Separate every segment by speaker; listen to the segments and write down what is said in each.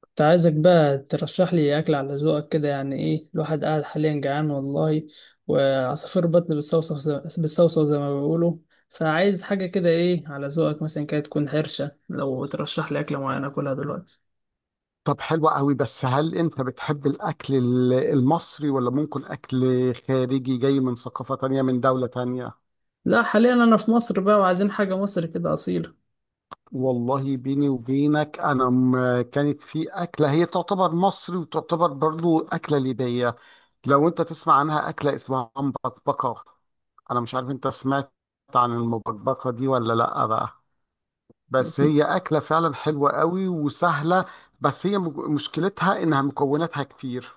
Speaker 1: كنت عايزك بقى ترشح لي أكل على ذوقك كده. يعني إيه الواحد قاعد حاليا جعان والله، وعصافير بطن بالصوصة بالصوصة زي ما بيقولوا. فعايز حاجة كده، إيه على ذوقك مثلا، كده تكون حرشة، لو ترشح لي أكلة معينة أكلها دلوقتي.
Speaker 2: طب حلو قوي. بس هل انت بتحب الاكل المصري ولا ممكن اكل خارجي جاي من ثقافة تانية، من دولة تانية؟
Speaker 1: لا حاليا أنا في مصر بقى، وعايزين حاجة مصر كده أصيلة.
Speaker 2: والله بيني وبينك انا كانت في اكلة هي تعتبر مصري وتعتبر برضو اكلة ليبية. لو انت تسمع عنها، اكله اسمها مبكبكه. انا مش عارف انت سمعت عن المبكبكه دي ولا لا بقى. بس هي اكله فعلا حلوه قوي وسهله. بس هي مشكلتها انها مكوناتها كتير.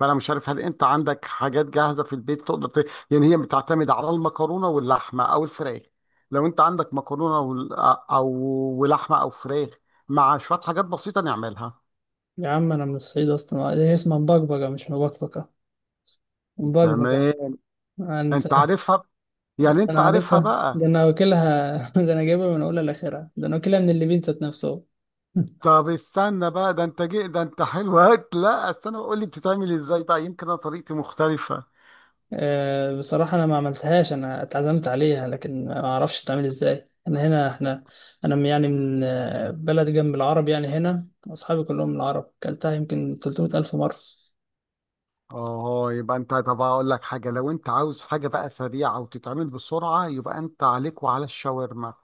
Speaker 2: فانا مش عارف هل انت عندك حاجات جاهزه في البيت تقدر يعني هي بتعتمد على المكرونه واللحمه او الفراخ. لو انت عندك مكرونه وال... او ولحمه او فراخ مع شويه حاجات بسيطه نعملها.
Speaker 1: يا عم أنا من الصعيد أصلا، هي اسمها مبكبكة مش مبكبكة، مبكبكة.
Speaker 2: تمام،
Speaker 1: أنت،
Speaker 2: انت عارفها، يعني انت
Speaker 1: أنا
Speaker 2: عارفها
Speaker 1: عارفها، ده
Speaker 2: بقى؟
Speaker 1: أنا واكلها ده أنا جايبها من أولها لآخرها، ده أنا واكلها من اللي بين ذات نفسه.
Speaker 2: طب استنى بقى، ده انت جي، ده انت حلو لا استنى، قول لي بتتعمل ازاي بقى، يمكن انا طريقتي مختلفة.
Speaker 1: بصراحة أنا ما عملتهاش، أنا اتعزمت عليها لكن ما أعرفش تعمل إزاي. أنا هنا إحنا، أنا من بلد جنب العرب، يعني هنا أصحابي كلهم من العرب، كلتها يمكن 300 ألف مرة.
Speaker 2: اه، يبقى انت، طب اقول لك حاجة. لو انت عاوز حاجة بقى سريعة وتتعمل بسرعة، يبقى انت عليك وعلى الشاورما.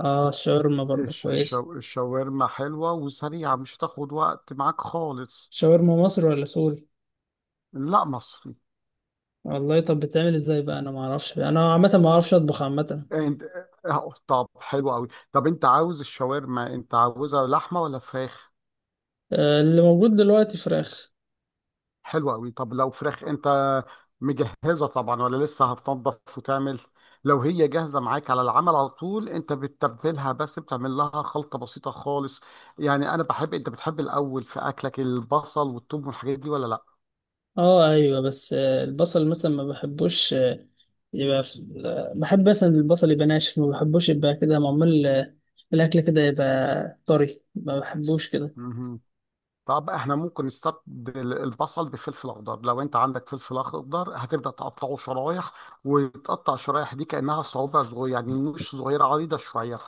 Speaker 1: آه الشاورما برضه كويسة.
Speaker 2: الشاورما حلوة وسريعة، مش هتاخد وقت معاك خالص.
Speaker 1: شاورما مصري ولا سوري؟
Speaker 2: لا مصري.
Speaker 1: والله طب بتعمل إزاي بقى، أنا ما أعرفش، أنا عامة ما أعرفش
Speaker 2: آه،
Speaker 1: أطبخ عامة.
Speaker 2: انت آه، طب حلو قوي. طب انت عاوز الشاورما، انت عاوزها لحمة ولا فراخ؟
Speaker 1: اللي موجود دلوقتي فراخ.
Speaker 2: حلو قوي. طب لو فراخ، انت مجهزه طبعا ولا لسه هتنضف وتعمل؟ لو هي جاهزه معاك على العمل على طول، انت بتتبلها، بس بتعمل لها خلطه بسيطه خالص. يعني انا بحب انت بتحب الاول في اكلك البصل والثوم والحاجات دي ولا لا؟
Speaker 1: اه ايوه، بس البصل مثلا ما بحبوش. يبقى بحب مثلا البصل يبقى ناشف، ما بحبوش يبقى كده معمول. الاكل كده يبقى طري، ما بحبوش كده.
Speaker 2: مهم. طب احنا ممكن نستبدل البصل بفلفل اخضر. لو انت عندك فلفل اخضر، هتبدا تقطعه شرايح، وتقطع الشرايح دي كانها صوابع صغيره، يعني مش صغيره، عريضه شويه.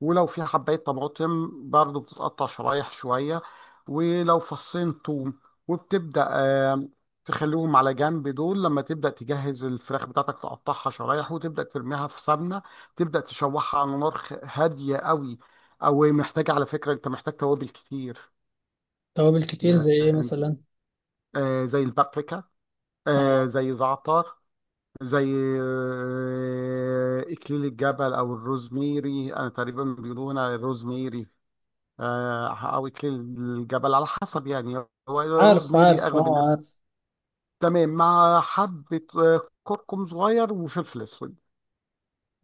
Speaker 2: ولو في حبايه طماطم برضو بتتقطع شرايح شويه، ولو فصين توم، وبتبدا تخليهم على جنب. دول لما تبدا تجهز الفراخ بتاعتك، تقطعها شرايح وتبدا ترميها في سمنه. تبدا تشوحها على نار هاديه قوي. او محتاجه، على فكره انت محتاج توابل كتير.
Speaker 1: توابل كتير
Speaker 2: يا
Speaker 1: زي ايه
Speaker 2: أنت-
Speaker 1: مثلا؟
Speaker 2: آه، زي البابريكا،
Speaker 1: اه
Speaker 2: زي زعتر، زي إكليل الجبل أو الروزميري. أنا تقريبا بيقولوا الروزميري، أو إكليل الجبل، على حسب يعني، هو
Speaker 1: عارف
Speaker 2: الروزميري
Speaker 1: عارف
Speaker 2: أغلب الناس.
Speaker 1: اه عارف.
Speaker 2: تمام، مع حبة كركم صغير وفلفل أسود.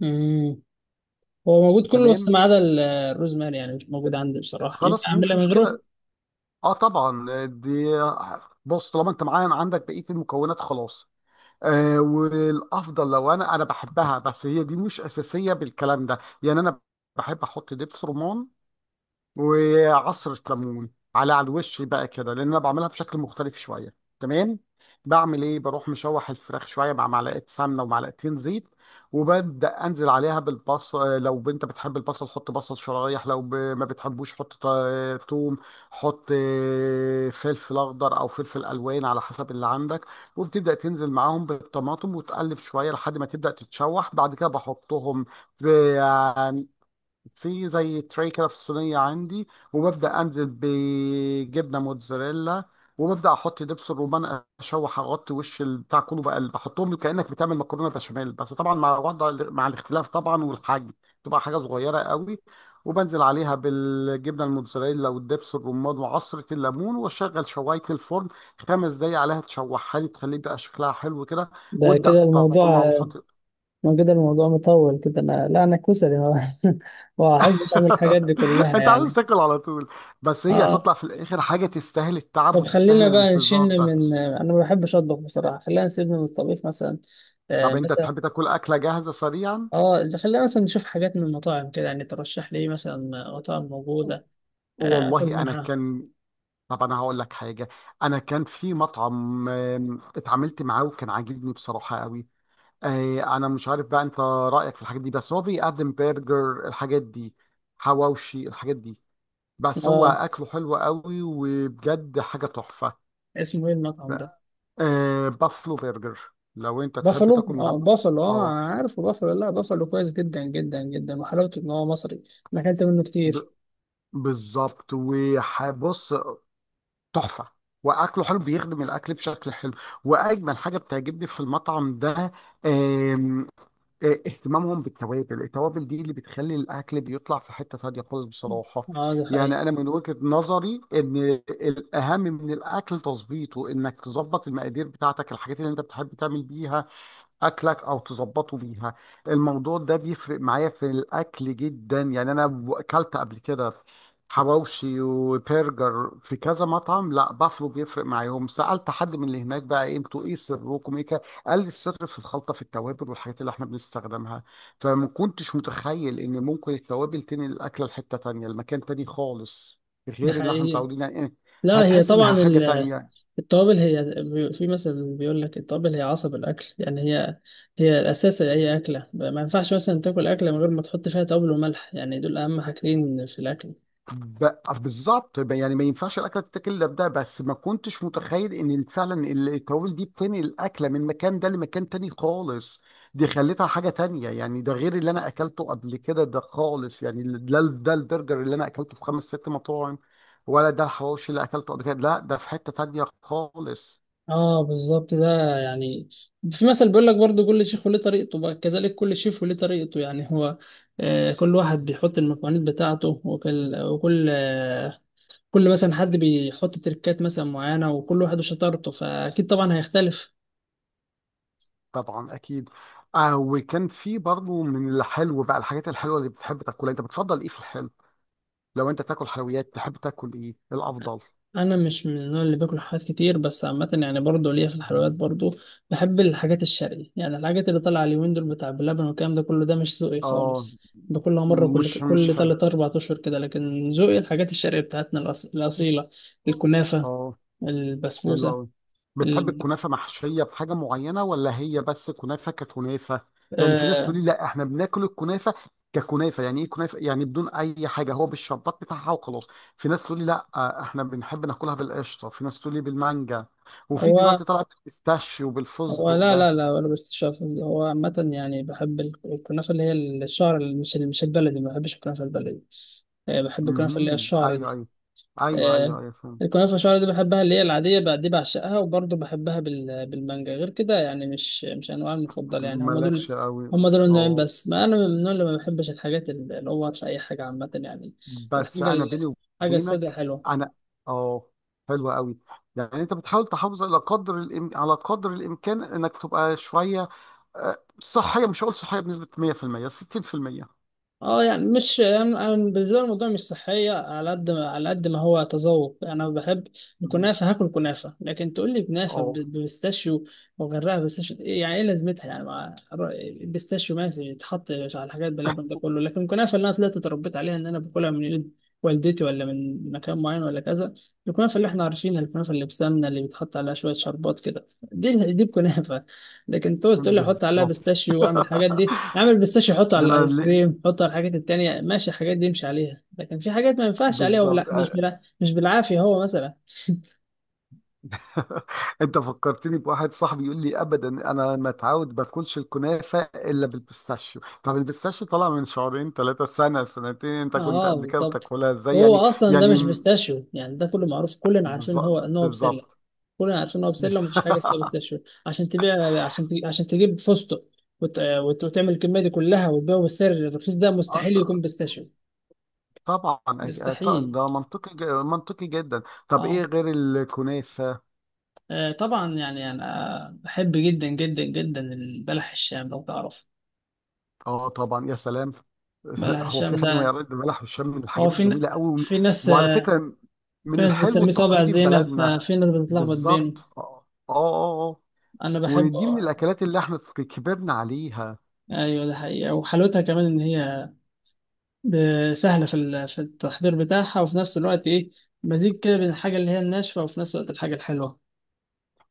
Speaker 1: امم. هو موجود كله بس
Speaker 2: تمام،
Speaker 1: ما عدا الروزماري، يعني مش موجود عندي بصراحة، ينفع
Speaker 2: خلاص مش
Speaker 1: اعملها من غيره؟
Speaker 2: مشكلة. اه طبعا، آه، دي آه، بص، طالما انت معايا عندك بقية المكونات خلاص. والافضل، لو انا بحبها، بس هي دي مش اساسيه بالكلام ده. يعني انا بحب احط دبس رمان وعصرة ليمون على الوش بقى كده، لان انا بعملها بشكل مختلف شوية. تمام، بعمل ايه؟ بروح مشوح الفراخ شوية مع معلقة سمنة ومعلقتين زيت، وببدأ انزل عليها بالبصل. لو انت بتحب البصل، حط بصل شرايح. لو ما بتحبوش، حط توم. حط فلفل اخضر او فلفل الوان على حسب اللي عندك. وبتبدأ تنزل معاهم بالطماطم، وتقلب شوية لحد ما تبدأ تتشوح. بعد كده بحطهم في زي تري كده في الصينية عندي، وببدأ أنزل بجبنة موتزاريلا، وببدأ أحط دبس الرومان. أشوح، أغطي وش البتاع كله بقى، بحطهم كأنك بتعمل مكرونة بشاميل، بس طبعا مع الاختلاف طبعا، والحجم تبقى حاجة صغيرة قوي. وبنزل عليها بالجبنة الموتزاريلا والدبس الرمان وعصرة الليمون، وأشغل شواية الفرن خمس دقايق عليها، تشوحها لي، تخليه بقى شكلها حلو كده،
Speaker 1: ده
Speaker 2: وابدأ
Speaker 1: كده الموضوع
Speaker 2: طلع
Speaker 1: آه،
Speaker 2: وحط.
Speaker 1: ما كده الموضوع مطول كده، انا لا انا كسلي ما بحبش اعمل الحاجات دي كلها
Speaker 2: انت عاوز
Speaker 1: يعني.
Speaker 2: تاكل على طول، بس هي
Speaker 1: اه
Speaker 2: هتطلع في الاخر حاجه تستاهل التعب
Speaker 1: طب
Speaker 2: وتستاهل
Speaker 1: خلينا بقى
Speaker 2: الانتظار
Speaker 1: نشن
Speaker 2: ده.
Speaker 1: من، انا ما بحبش اطبخ بصراحه، خلينا نسيبنا من الطبيخ مثلا. آه
Speaker 2: طب انت
Speaker 1: مثلا.
Speaker 2: تحب تاكل اكله جاهزه سريعا؟
Speaker 1: اه ده خلينا مثلا نشوف حاجات من المطاعم كده، يعني ترشح لي إيه مثلا؟ مطاعم موجوده اكل
Speaker 2: والله انا
Speaker 1: منها.
Speaker 2: كان طب انا هقول لك حاجه. انا كان في مطعم اتعاملت معاه وكان عاجبني بصراحه قوي. انا مش عارف بقى انت رايك في الحاجات دي، بس هو بيقدم برجر، الحاجات دي، حواوشي، الحاجات دي. بس هو
Speaker 1: اه
Speaker 2: اكله حلو قوي وبجد حاجه تحفه.
Speaker 1: اسمه ايه المطعم ده؟
Speaker 2: بافلو برجر، لو انت تحب تاكل
Speaker 1: بافلو،
Speaker 2: من
Speaker 1: اه
Speaker 2: عنده.
Speaker 1: بافلو، اه
Speaker 2: اه
Speaker 1: أنا عارفه بافلو، لا بافلو كويس جدا جدا جدا، وحلاوته ان هو مصري. انا اكلت منه كتير.
Speaker 2: ب- بالظبط. وهبص، تحفه. واكله حلو، بيخدم الاكل بشكل حلو. واجمل حاجه بتعجبني في المطعم ده، آم، آه، اهتمامهم بالتوابل. التوابل دي اللي بتخلي الاكل بيطلع في حته تانيه خالص بصراحه.
Speaker 1: اه ده حقيقي
Speaker 2: يعني انا من وجهه نظري ان الاهم من الاكل تظبيطه، انك تظبط المقادير بتاعتك، الحاجات اللي انت بتحب تعمل بيها اكلك او تظبطه بيها. الموضوع ده بيفرق معايا في الاكل جدا. يعني انا اكلت قبل كده حواوشي وبرجر في كذا مطعم، لا بافلو بيفرق معاهم. سالت حد من اللي هناك بقى، إيه انتوا، ايه سركم ايه كده؟ قال لي السر في الخلطه، في التوابل والحاجات اللي احنا بنستخدمها. فما كنتش متخيل ان ممكن التوابل تنقل الاكله لحته تانيه، لمكان تاني خالص
Speaker 1: ده
Speaker 2: غير اللي احنا
Speaker 1: حقيقي.
Speaker 2: متعودين عليه، إيه،
Speaker 1: لا هي
Speaker 2: هتحس
Speaker 1: طبعا
Speaker 2: انها حاجه تانية.
Speaker 1: التوابل هي في مثلا بيقول لك التوابل هي عصب الاكل، يعني هي الاساس لاي اكله، ما ينفعش مثلا تاكل اكله من غير ما تحط فيها توابل وملح، يعني دول اهم حاجتين في الاكل.
Speaker 2: ب... بالظبط. يعني ما ينفعش الاكله تتاكل الا بده، بس ما كنتش متخيل ان فعلا التوابل دي بتنقل الاكله من مكان ده لمكان تاني خالص. دي خلتها حاجه تانية يعني، ده غير اللي انا اكلته قبل كده ده خالص. يعني ده البرجر اللي انا اكلته في خمس ست مطاعم، ولا ده الحواوشي اللي اكلته قبل كده، لا ده في حته تانية خالص.
Speaker 1: اه بالظبط ده يعني. في مثل بيقول لك برضو كل شيف وليه طريقته، بقى كذلك كل شيف وليه طريقته، يعني هو كل واحد بيحط المكونات بتاعته، وكل. كل مثلا حد بيحط تركات مثلا معينة، وكل واحد وشطارته، فأكيد طبعا هيختلف.
Speaker 2: طبعا اكيد. وكان في برضه من الحلو بقى، الحاجات الحلوه اللي بتحب تاكلها، انت بتفضل ايه في الحلو؟ لو انت تاكل حلويات تحب تاكل ايه الافضل؟
Speaker 1: انا مش من النوع اللي باكل حاجات كتير، بس عامه يعني برضه ليا في الحلويات برضه. بحب الحاجات الشرقي، يعني الحاجات اللي طالعه اليومين دول بتاع بلبن والكلام ده كله ده مش ذوقي
Speaker 2: اه،
Speaker 1: خالص، باكلها مره كل
Speaker 2: مش
Speaker 1: كل
Speaker 2: حلو.
Speaker 1: تلات اربع اشهر كده، لكن ذوقي الحاجات الشرقيه بتاعتنا الاصيله. الكنافه،
Speaker 2: اه حلو
Speaker 1: البسبوسه.
Speaker 2: قوي. بتحب
Speaker 1: ال...
Speaker 2: الكنافه محشيه بحاجه معينه، ولا هي بس كنافه ككنافه؟ يعني في ناس تقول
Speaker 1: آه...
Speaker 2: لي لا احنا بناكل الكنافه ككنافه، يعني ايه كنافه، يعني بدون اي حاجه، هو بالشربات بتاعها وخلاص. في ناس تقول لي لا، احنا بنحب ناكلها بالقشطه. في ناس تقول لي بالمانجا. وفي
Speaker 1: هو
Speaker 2: دلوقتي طلع بالبيستاشيو
Speaker 1: هو
Speaker 2: وبالفستق
Speaker 1: لا لا
Speaker 2: ده.
Speaker 1: لا، ولا بستشاف، هو عامة يعني بحب الكنافة اللي هي الشعر، اللي مش البلدي، ما بحبش الكنافة البلدي. بحب الكنافة اللي هي
Speaker 2: امم،
Speaker 1: الشعر دي.
Speaker 2: ايوه ايوه ايوه
Speaker 1: آه،
Speaker 2: ايوه ايوه، فهمت.
Speaker 1: الكنافة شعري دي بحبها، اللي هي العادية بقى دي بعشقها، وبرضه بحبها بالمانجا، غير كده يعني مش أنواع المفضلة، يعني هما دول.
Speaker 2: مالكش قوي.
Speaker 1: هما دول النوعين
Speaker 2: اه
Speaker 1: بس، ما أنا من النوع اللي ما بحبش الحاجات، اللي هو في أي حاجة عامة يعني.
Speaker 2: بس
Speaker 1: الحاجة
Speaker 2: انا
Speaker 1: ال-
Speaker 2: بيني
Speaker 1: الحاجة السادة
Speaker 2: وبينك،
Speaker 1: حلوة.
Speaker 2: انا اه حلو قوي. يعني انت بتحاول تحافظ على قدر على قدر الامكان انك تبقى شويه صحيه، مش هقول صحيه بنسبه 100%، 60%.
Speaker 1: اه يعني مش انا، أنا بالنسبه لي الموضوع مش صحيه، على قد ما هو تذوق. انا بحب
Speaker 2: مم.
Speaker 1: الكنافه، هاكل كنافه، لكن تقول لي كنافه
Speaker 2: اه
Speaker 1: ببستاشيو وغيرها بستاشيو، يعني ايه لازمتها؟ يعني مع البستاشيو ماشي يتحط، مش على الحاجات بلبن ده كله. لكن الكنافه اللي انا طلعت اتربيت عليها ان انا باكلها من ايد والدتي ولا من مكان معين ولا كذا، الكنافه اللي احنا عارفينها، الكنافه اللي بسمنه اللي بيتحط عليها شويه شربات كده، دي دي الكنافه. لكن تقعد تقول لي احط عليها
Speaker 2: بالظبط.
Speaker 1: بستاشيو واعمل الحاجات دي، اعمل بيستاشيو حطه على
Speaker 2: ده انا
Speaker 1: الايس
Speaker 2: اللي...
Speaker 1: كريم، حطه على الحاجات التانية، ماشي الحاجات دي يمشي عليها. لكن في حاجات ما ينفعش عليها، وبلا
Speaker 2: بالظبط
Speaker 1: مش
Speaker 2: آه.
Speaker 1: بلا مش بالعافية هو مثلا.
Speaker 2: انت فكرتني بواحد صاحبي يقول لي ابدا انا متعود باكلش الكنافه الا بالبيستاشيو. طب البيستاشيو طالع من شهرين ثلاثه، سنه سنتين، انت كنت
Speaker 1: اه
Speaker 2: قبل كده
Speaker 1: بالظبط.
Speaker 2: بتاكلها ازاي
Speaker 1: هو
Speaker 2: يعني؟
Speaker 1: اصلا ده
Speaker 2: يعني
Speaker 1: مش بيستاشيو، يعني ده كله معروف، كلنا عارفين ان هو
Speaker 2: بالظ-
Speaker 1: ان هو بسلة.
Speaker 2: بالظبط.
Speaker 1: كلنا عارفين ان هو بسلة، ومفيش حاجة اسمها بيستاشيو، عشان تبيع، عشان تجيب، عشان تجيب فستق وتعمل الكمية دي كلها وتبيعه بالسعر الرخيص ده،
Speaker 2: آه،
Speaker 1: مستحيل يكون
Speaker 2: ط-
Speaker 1: بيستاشيو.
Speaker 2: طبعا.
Speaker 1: مستحيل.
Speaker 2: ده منطقي، منطقي جدا. طب ايه
Speaker 1: اه
Speaker 2: غير الكنافه؟
Speaker 1: طبعا يعني انا بحب جدا جدا جدا البلح الشام لو تعرف.
Speaker 2: اه طبعا يا سلام.
Speaker 1: بلح
Speaker 2: هو في
Speaker 1: الشام
Speaker 2: حد ما
Speaker 1: ده،
Speaker 2: يرد بلح والشام؟ من
Speaker 1: هو
Speaker 2: الحاجات
Speaker 1: في
Speaker 2: الجميله قوي.
Speaker 1: في ناس،
Speaker 2: وعلى فكره
Speaker 1: في
Speaker 2: من
Speaker 1: ناس
Speaker 2: الحلو
Speaker 1: بتسميه صابع
Speaker 2: التقليدي في
Speaker 1: زينب،
Speaker 2: بلدنا.
Speaker 1: ففي ناس بتتلخبط بينه.
Speaker 2: بالظبط، اه اه، آه، آه.
Speaker 1: انا بحب.
Speaker 2: ودي من الاكلات اللي احنا كبرنا عليها.
Speaker 1: ايوه ده حقيقة، وحلاوتها كمان ان هي سهلة في في التحضير بتاعها، وفي نفس الوقت ايه، مزيج كده بين الحاجة اللي هي الناشفة وفي نفس الوقت الحاجة الحلوة.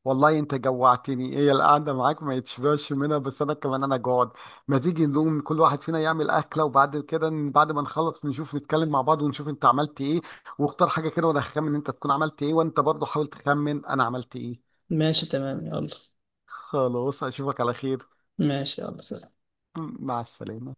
Speaker 2: والله انت جوعتني، هي القعده معاك ما يتشبعش منها، بس انا كمان انا جوعت. ما تيجي نقوم، كل واحد فينا يعمل اكله، وبعد كده بعد ما نخلص نشوف، نتكلم مع بعض ونشوف انت عملت ايه، واختار حاجه كده، وانا هخمن انت تكون عملت ايه، وانت برضه حاول تخمن انا عملت ايه.
Speaker 1: ماشي تمام يلا.
Speaker 2: خلاص، اشوفك على خير.
Speaker 1: ماشي يلا سلام.
Speaker 2: مع السلامه.